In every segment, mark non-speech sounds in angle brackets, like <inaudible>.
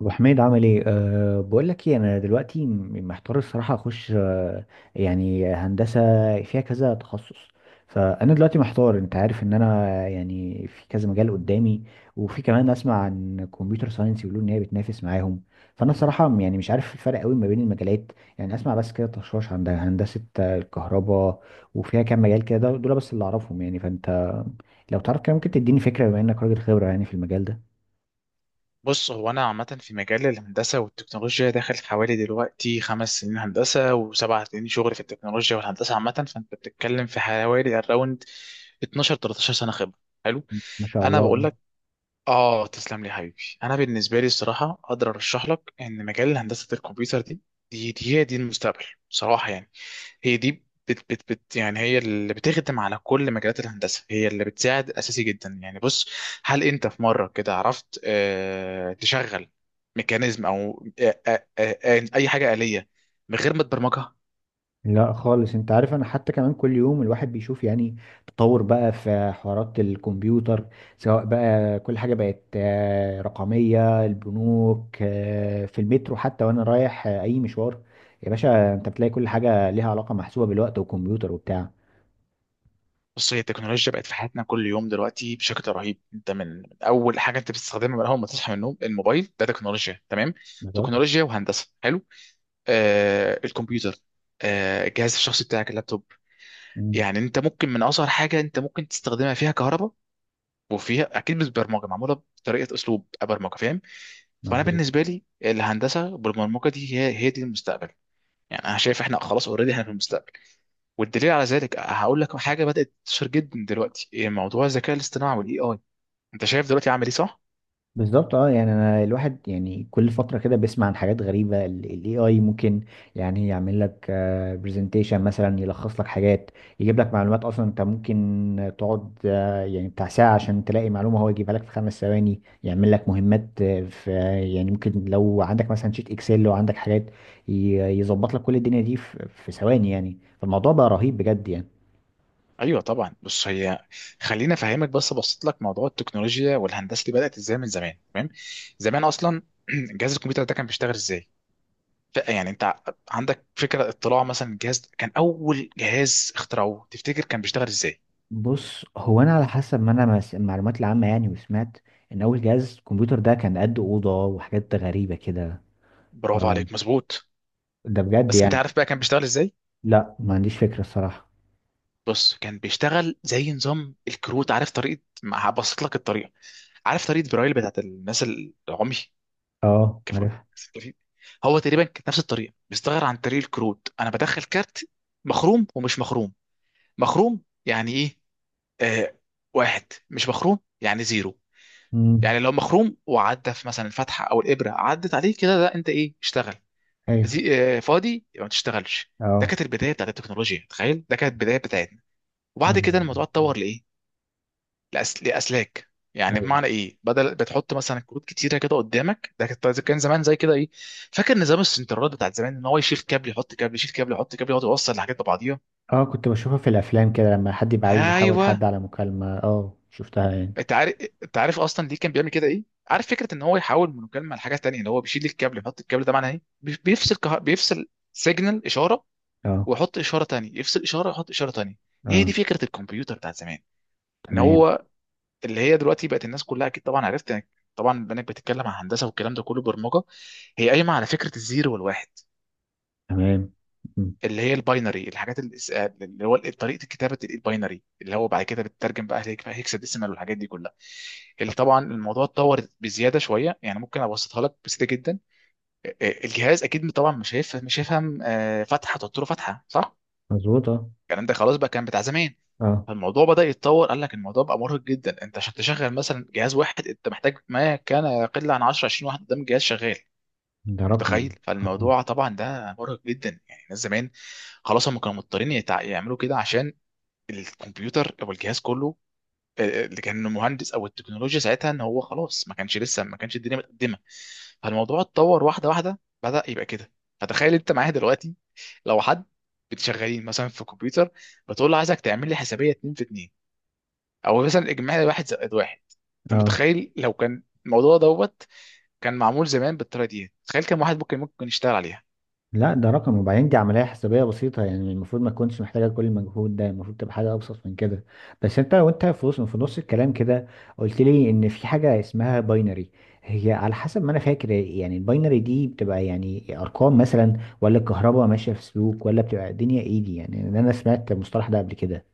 ابو حميد، عامل ايه؟ بقول لك ايه، انا دلوقتي محتار الصراحه، اخش يعني هندسه فيها كذا تخصص. فانا دلوقتي محتار، انت عارف ان انا يعني في كذا مجال قدامي، وفي كمان اسمع عن كمبيوتر ساينس، يقولوا ان هي بتنافس معاهم. فانا الصراحه يعني مش عارف الفرق قوي ما بين المجالات، يعني اسمع بس كده تشوش، عند هندسه الكهرباء، وفيها كام مجال كده، دول بس اللي اعرفهم يعني. فانت لو تعرف كده ممكن تديني فكره، بما انك راجل خبره يعني في المجال ده. بص، هو انا عامه في مجال الهندسه والتكنولوجيا داخل حوالي دلوقتي 5 سنين هندسه و7 سنين شغل في التكنولوجيا والهندسه عامه. فانت بتتكلم في حوالي اراوند 12 13 سنه خبره. حلو. ما شاء انا بقول الله. لك، اه تسلم لي حبيبي. انا بالنسبه لي الصراحه اقدر ارشح لك ان مجال هندسه الكمبيوتر دي، هي دي المستقبل بصراحه. يعني هي دي بت، يعني هي اللي بتخدم على كل مجالات الهندسه، هي اللي بتساعد اساسي جدا. يعني بص، هل انت في مره كده عرفت تشغل ميكانيزم او اي حاجه آلية من غير ما تبرمجها؟ لا خالص، انت عارف انا حتى كمان كل يوم الواحد بيشوف يعني تطور بقى في حوارات الكمبيوتر، سواء بقى كل حاجة بقت رقمية، البنوك في المترو، حتى وانا رايح اي مشوار، يا باشا، انت بتلاقي كل حاجة ليها علاقة محسوبة بالوقت والكمبيوتر وبتاع. بص، هي التكنولوجيا بقت في حياتنا كل يوم دلوقتي بشكل رهيب. انت من اول حاجه انت بتستخدمها من اول ما تصحى من النوم، الموبايل ده تكنولوجيا. تمام، بالظبط. تكنولوجيا وهندسه. حلو، الكمبيوتر، الجهاز الشخصي بتاعك اللابتوب. مم. يعني انت ممكن من اصغر حاجه انت ممكن تستخدمها فيها كهرباء، وفيها اكيد مش برمجه معموله بطريقه اسلوب برمجه، فاهم؟ فانا مظبوط. بالنسبه لي الهندسه بالبرمجه دي هي دي المستقبل. يعني انا شايف احنا خلاص اوريدي احنا في المستقبل. والدليل على ذلك هقول لك حاجه بدات تنتشر جدا دلوقتي، إيه موضوع الذكاء الاصطناعي والاي اي. انت شايف دلوقتي عامل ايه، صح؟ بالظبط، اه، يعني انا الواحد يعني كل فتره كده بيسمع عن حاجات غريبه، الاي اي ممكن يعني يعمل لك برزنتيشن مثلا، يلخص لك حاجات، يجيب لك معلومات. اصلا انت ممكن تقعد يعني بتاع ساعه عشان تلاقي معلومه، هو يجيبها لك في 5 ثواني. يعمل لك مهمات في، يعني ممكن لو عندك مثلا شيت اكسل، لو عندك حاجات ي- يظبط لك كل الدنيا دي في ثواني يعني، فالموضوع بقى رهيب بجد يعني. ايوه طبعا. بص، هي خليني افهمك بس، ابسط لك موضوع التكنولوجيا والهندسه اللي بدات ازاي من زمان. تمام؟ زمان اصلا <clears throat> جهاز الكمبيوتر ده كان بيشتغل ازاي؟ ف- يعني انت ع- عندك فكره، اطلاع مثلا، الجهاز ده كان اول جهاز اخترعوه، تفتكر كان بيشتغل ازاي؟ بص هو انا على حسب ما انا المعلومات العامه يعني، وسمعت ان اول جهاز كمبيوتر ده كان قد اوضه وحاجات غريبه كده. ف برافو عليك، مظبوط. ده بجد بس انت يعني. عارف بقى كان بيشتغل ازاي؟ لا، ما عنديش فكره الصراحه. بص، كان بيشتغل زي نظام الكروت. عارف طريقه؟ ما هبسط لك الطريقه. عارف طريقه برايل بتاعت الناس العمي؟ اه كف... عارف. كف- هو تقريبا كانت نفس الطريقه، بيستغير عن طريق الكروت. انا بدخل كارت مخروم ومش مخروم. مخروم يعني ايه؟ آه، واحد. مش مخروم يعني زيرو. امم. يعني لو مخروم وعدى في مثلا الفتحه او الابره عدت عليه كده، ده انت ايه اشتغل. ايوه. زي فاضي يبقى ما تشتغلش. ده اه. كانت البدايه بتاعت التكنولوجيا، تخيل، ده كانت البدايه بتاعتنا. يا وبعد كده نهار الموضوع أبيض. اتطور لايه؟ لاسلاك. يعني ايوه، بمعنى ايه، بدل بتحط مثلا كروت كتيره كده قدامك، ده كان زمان زي كده ايه، فاكر نظام السنترات بتاع زمان؟ ان هو يشيل كابل، يحط كابل، يشيل كابل، يحط كابل، يقعد يوصل الحاجات ببعضيها. اه كنت بشوفها في الافلام كده لما حد يبقى عايز يحاول ايوه. حد على مكالمه، اه شفتها يعني. انت عارف، انت عارف اصلا ليه كان بيعمل كده ايه؟ عارف فكره ان هو يحول من مكالمه لحاجه تانيه، اللي هو بيشيل الكابل يحط الكابل، ده معناه ايه؟ بيفصل سيجنال اشاره، اه. ويحط اشاره تانيه، يفصل اشاره ويحط اشاره تانيه. هي اه. دي فكره الكمبيوتر بتاع زمان، ان تمام. هو اللي هي دلوقتي بقت الناس كلها اكيد طبعا عرفت. يعني طبعا البنات بتتكلم عن هندسه والكلام ده كله برمجه. هي قايمه على فكره الزيرو والواحد، تمام. مم. اللي هي الباينري. الحاجات اللي اللي هو طريقه كتابه الباينري، اللي هو بعد كده بتترجم بقى هيكساديسيمال والحاجات دي كلها. اللي طبعا الموضوع اتطور بزياده شويه. يعني ممكن ابسطها لك بسيطه جدا. الجهاز اكيد طبعا مش هيفهم فتحه، تحط له فتحه، صح؟ مظبوط. اه. الكلام ده خلاص بقى كان بتاع زمان. اه فالموضوع بدأ يتطور، قال لك الموضوع بقى مرهق جدا. انت عشان تشغل مثلا جهاز واحد انت محتاج ما كان يقل عن 10 20 واحد قدام الجهاز شغال. انت ده رقم. متخيل؟ اه. فالموضوع طبعا ده مرهق جدا يعني، الناس زمان خلاص هم كانوا مضطرين يعملوا كده عشان الكمبيوتر او الجهاز كله، اللي كان مهندس او التكنولوجيا ساعتها، ان هو خلاص ما كانش لسه، ما كانش الدنيا متقدمه. فالموضوع اتطور واحده واحده، بدأ يبقى كده. فتخيل انت معايا دلوقتي، لو حد بتشغلين مثلا في كمبيوتر، بتقول له عايزك تعمل لي حسابيه 2 في 2، او مثلا اجمالي واحد زائد واحد، انت اه، متخيل لو كان الموضوع دوت كان معمول زمان بالطريقه دي، تخيل كم واحد ممكن يشتغل عليها. لا ده رقم، وبعدين دي عملية حسابية بسيطة يعني، المفروض ما تكونش محتاجة كل المجهود ده، المفروض تبقى حاجة أبسط من كده. بس أنت، وأنت في وسط، في نص الكلام كده، قلت لي إن في حاجة اسمها باينري، هي على حسب ما أنا فاكر يعني الباينري دي بتبقى يعني أرقام مثلا، ولا الكهرباء ماشية في سلوك، ولا بتبقى الدنيا إيه دي، يعني إن أنا سمعت المصطلح ده قبل كده.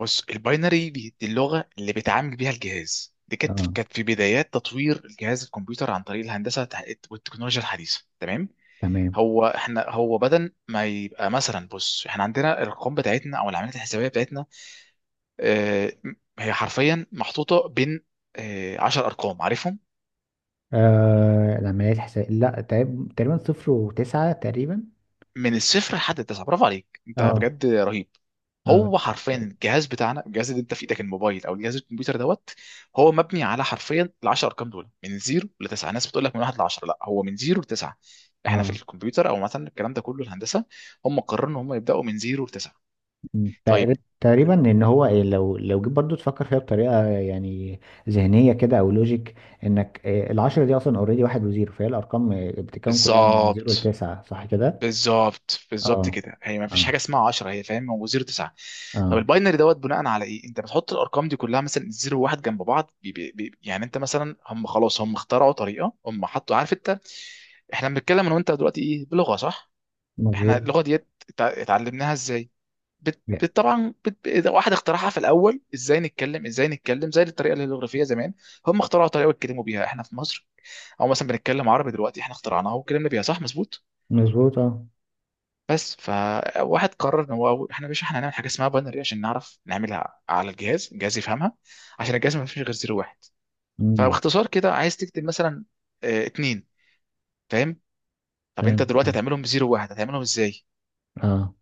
بص، الباينري دي اللغه اللي بيتعامل بيها الجهاز، دي كانت أه. كانت في بدايات تطوير الجهاز الكمبيوتر عن طريق الهندسه والتكنولوجيا الحديثه. تمام؟ تمام. هو احنا هو بدل ما يبقى مثلا، بص احنا عندنا الارقام بتاعتنا او العمليات الحسابيه بتاعتنا، اه، هي حرفيا محطوطه بين اه 10 ارقام عارفهم، آه، العمليات حساب، لا، تقريبا، تقريباً 0 و9 تقريبا. من الصفر لحد التسعه. برافو عليك، انت أه. بجد رهيب. أه. هو حرفيا الجهاز بتاعنا، الجهاز اللي انت في ايدك، الموبايل او الجهاز الكمبيوتر دوت، هو مبني على حرفيا ال 10 ارقام دول من 0 ل 9. ناس بتقول لك من 1 ل 10، لا، هو من 0 ل 9. احنا في أه. الكمبيوتر، او مثلا الكلام ده كله الهندسه، هم قرروا ان هم يبداوا من 0 ل 9. طيب. تقريبا ان هو إيه، لو جيت برضو تفكر فيها بطريقه يعني ذهنيه كده، او لوجيك، انك إيه العشرة دي اصلا اوريدي 1 و0، فهي الارقام إيه بتتكون كلها من زيرو بالظبط. لتسعة صح كده؟ بالظبط بالظبط اه. كده، هي ما فيش اه. حاجه اسمها 10، هي فاهم، هو 0 9. طب اه. الباينري دوت بناء على ايه انت بتحط الارقام دي كلها مثلا 0 و1 جنب بعض، بي يعني انت مثلا هم خلاص هم اخترعوا طريقه، هم حطوا، عارف انت؟ احنا بنتكلم انا وانت دلوقتي ايه، بلغه، صح؟ احنا مظبوط. اللغه ديت اتعلمناها ازاي؟ واحد اخترعها في الاول، ازاي نتكلم؟ ازاي نتكلم زي الطريقه الهيروغليفيه زمان؟ هم اخترعوا طريقه يتكلموا بيها. احنا في مصر او مثلا بنتكلم عربي دلوقتي، احنا اخترعناها واتكلمنا بيها، صح؟ مظبوط. مظبوط. اه. بس فواحد قرر ان هو احنا مش، احنا هنعمل حاجه اسمها باينري عشان نعرف نعملها على الجهاز، الجهاز يفهمها. عشان الجهاز ما فيش غير زيرو واحد. امم. فباختصار كده، عايز تكتب مثلا اه، اتنين، فاهم؟ طب انت فاهم. دلوقتي اه. هتعملهم بزيرو واحد، هتعملهم ازاي؟ آه.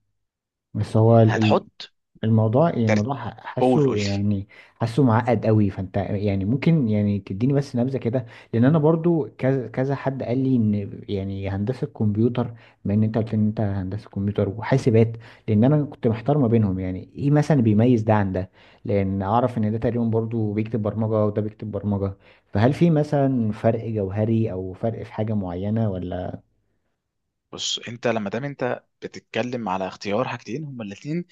بس هو هتحط الموضوع، يعني ترتيب. الموضوع قول، قول حاسه، لي. يعني حاسه معقد قوي. فانت يعني ممكن يعني تديني بس نبذه كده، لان انا برضو كذا كذا حد قال لي ان يعني هندسه كمبيوتر، بما ان انت قلت ان انت هندسه كمبيوتر وحاسبات، لان انا كنت محتار ما بينهم، يعني ايه مثلا بيميز ده عن ده، لان اعرف ان ده تقريبا برضو بيكتب برمجه وده بيكتب برمجه، فهل في مثلا فرق جوهري او فرق في حاجه معينه ولا؟ بص انت لما دام انت بتتكلم على اختيار حاجتين هما الاثنين،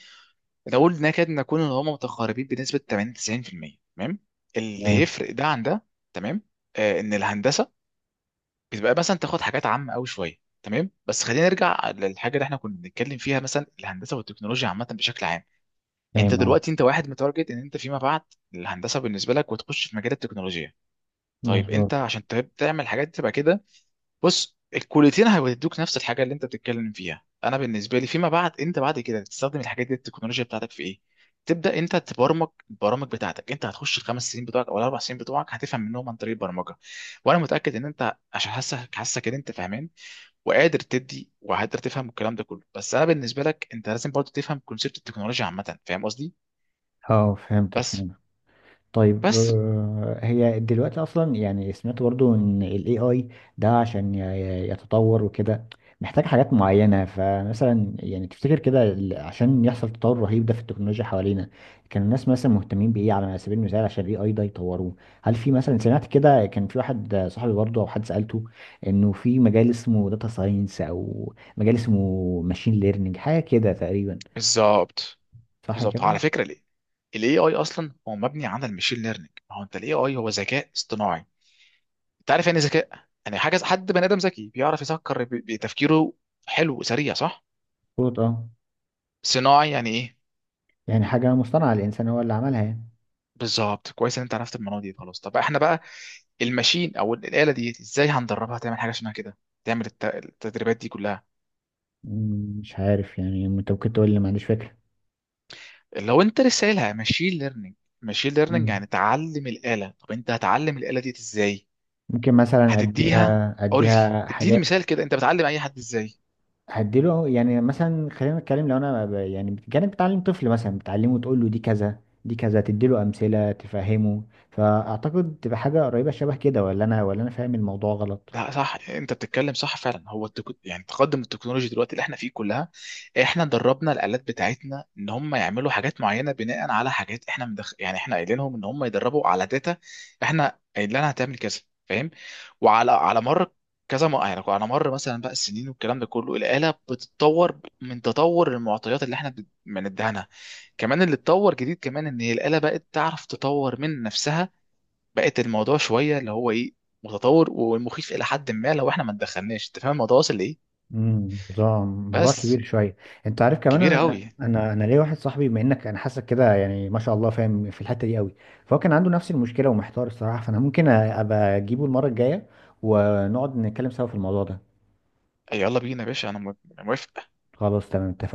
نقول نكاد نكون ان هما متقاربين بنسبه 80 90%. تمام؟ اللي تمام. يفرق ده عن ده، تمام، آه، ان الهندسه بتبقى مثلا تاخد حاجات عامه قوي شويه. تمام، بس خلينا نرجع للحاجه اللي احنا كنا بنتكلم فيها، مثلا الهندسه والتكنولوجيا عامه بشكل عام. يعني انت تمام. اه. دلوقتي، انت واحد متارجت ان انت فيما بعد الهندسه بالنسبه لك، وتخش في مجال التكنولوجيا. طيب انت مظبوط. عشان تعمل الحاجات دي تبقى كده، بص الكليتين هيدوك نفس الحاجه. اللي انت بتتكلم فيها انا بالنسبه لي فيما بعد، انت بعد كده تستخدم الحاجات دي التكنولوجيا بتاعتك في ايه؟ تبدا انت تبرمج البرامج بتاعتك. انت هتخش ال5 سنين بتوعك او ال4 سنين بتوعك هتفهم منهم عن طريق البرمجه. وانا متاكد ان انت، عشان حاسك حاسك ان انت فاهمان وقادر تدي وقادر تفهم الكلام ده كله. بس انا بالنسبه لك انت لازم برضه تفهم كونسيبت التكنولوجيا عامه، فاهم قصدي؟ اه، فهمتك، بس، فهمتك. طيب، بس، هي دلوقتي اصلا يعني سمعت برضو ان الاي اي ده، عشان يتطور وكده، محتاج حاجات معينة، فمثلا يعني تفتكر كده عشان يحصل تطور رهيب ده في التكنولوجيا حوالينا، كان الناس مثلا مهتمين بايه على سبيل المثال عشان الاي اي ده يطوروه؟ هل في مثلا سمعت كده كان في واحد صاحبي برضو او حد سألته انه في مجال اسمه داتا ساينس او مجال اسمه ماشين ليرنينج، حاجة كده تقريبا، بالظبط. صح بالظبط كده؟ على فكره ليه؟ الاي اي اصلا هو مبني على المشين ليرنينج. ما هو انت الاي اي هو ذكاء اصطناعي. انت عارف يعني إيه ذكاء؟ يعني حاجه، حد بني ادم ذكي بيعرف يفكر بتفكيره، حلو وسريع، صح؟ مظبوط. اه، صناعي يعني ايه؟ يعني حاجة مصطنعة الانسان هو اللي عملها يعني. بالظبط. كويس ان انت عرفت المعلومه دي، خلاص. طب احنا بقى الماشين او الاله دي ازاي هندربها تعمل حاجه شبه كده، تعمل التدريبات دي كلها؟ مش عارف يعني، انت ممكن تقول لي، ما عنديش فكرة. لو انت لسه قايلها ماشين ليرنينج، ماشين ليرنينج مم. يعني تعلم الآلة. طب انت هتعلم الآلة دي ازاي؟ ممكن مثلا هتديها. اديها قول لي، اديها اديني حاجات، مثال كده، انت بتعلم اي حد ازاي؟ هديله يعني مثلا، خلينا نتكلم، لو انا يعني كانك بتعلم طفل مثلا بتعلمه، تقول له دي كذا دي كذا، تديله امثلة تفهمه، فاعتقد تبقى حاجة قريبة شبه كده، ولا انا فاهم الموضوع غلط. لا، صح، انت بتتكلم صح فعلا. هو يعني تقدم التكنولوجيا دلوقتي اللي احنا فيه كلها، احنا دربنا الالات بتاعتنا ان هم يعملوا حاجات معينه، بناء على حاجات احنا يعني احنا قايلين لهم ان هم يدربوا على داتا. احنا قايل لها هتعمل كذا، فاهم؟ وعلى مر كذا مره، يعني على مر مثلا بقى السنين والكلام ده كله، الاله بتتطور من تطور المعطيات اللي احنا بنديها لها. كمان اللي اتطور جديد كمان ان هي الاله بقت تعرف تطور من نفسها. بقت الموضوع شويه اللي هو ايه، متطور ومخيف الى حد ما لو احنا ما اتدخلناش، انت فاهم الموضوع واصل لايه. ده موضوع بس. كبير شويه. انت عارف كمان، كبير انا قوي. انا انا ليا واحد صاحبي، بما انك انا حاسك كده يعني ما شاء الله فاهم في الحته دي قوي، فهو كان عنده نفس المشكله ومحتار الصراحه، فانا ممكن ابقى اجيبه المره الجايه ونقعد نتكلم سوا في الموضوع ده. يلا بينا يا باشا، أنا موافق. خلاص تمام، اتفقنا.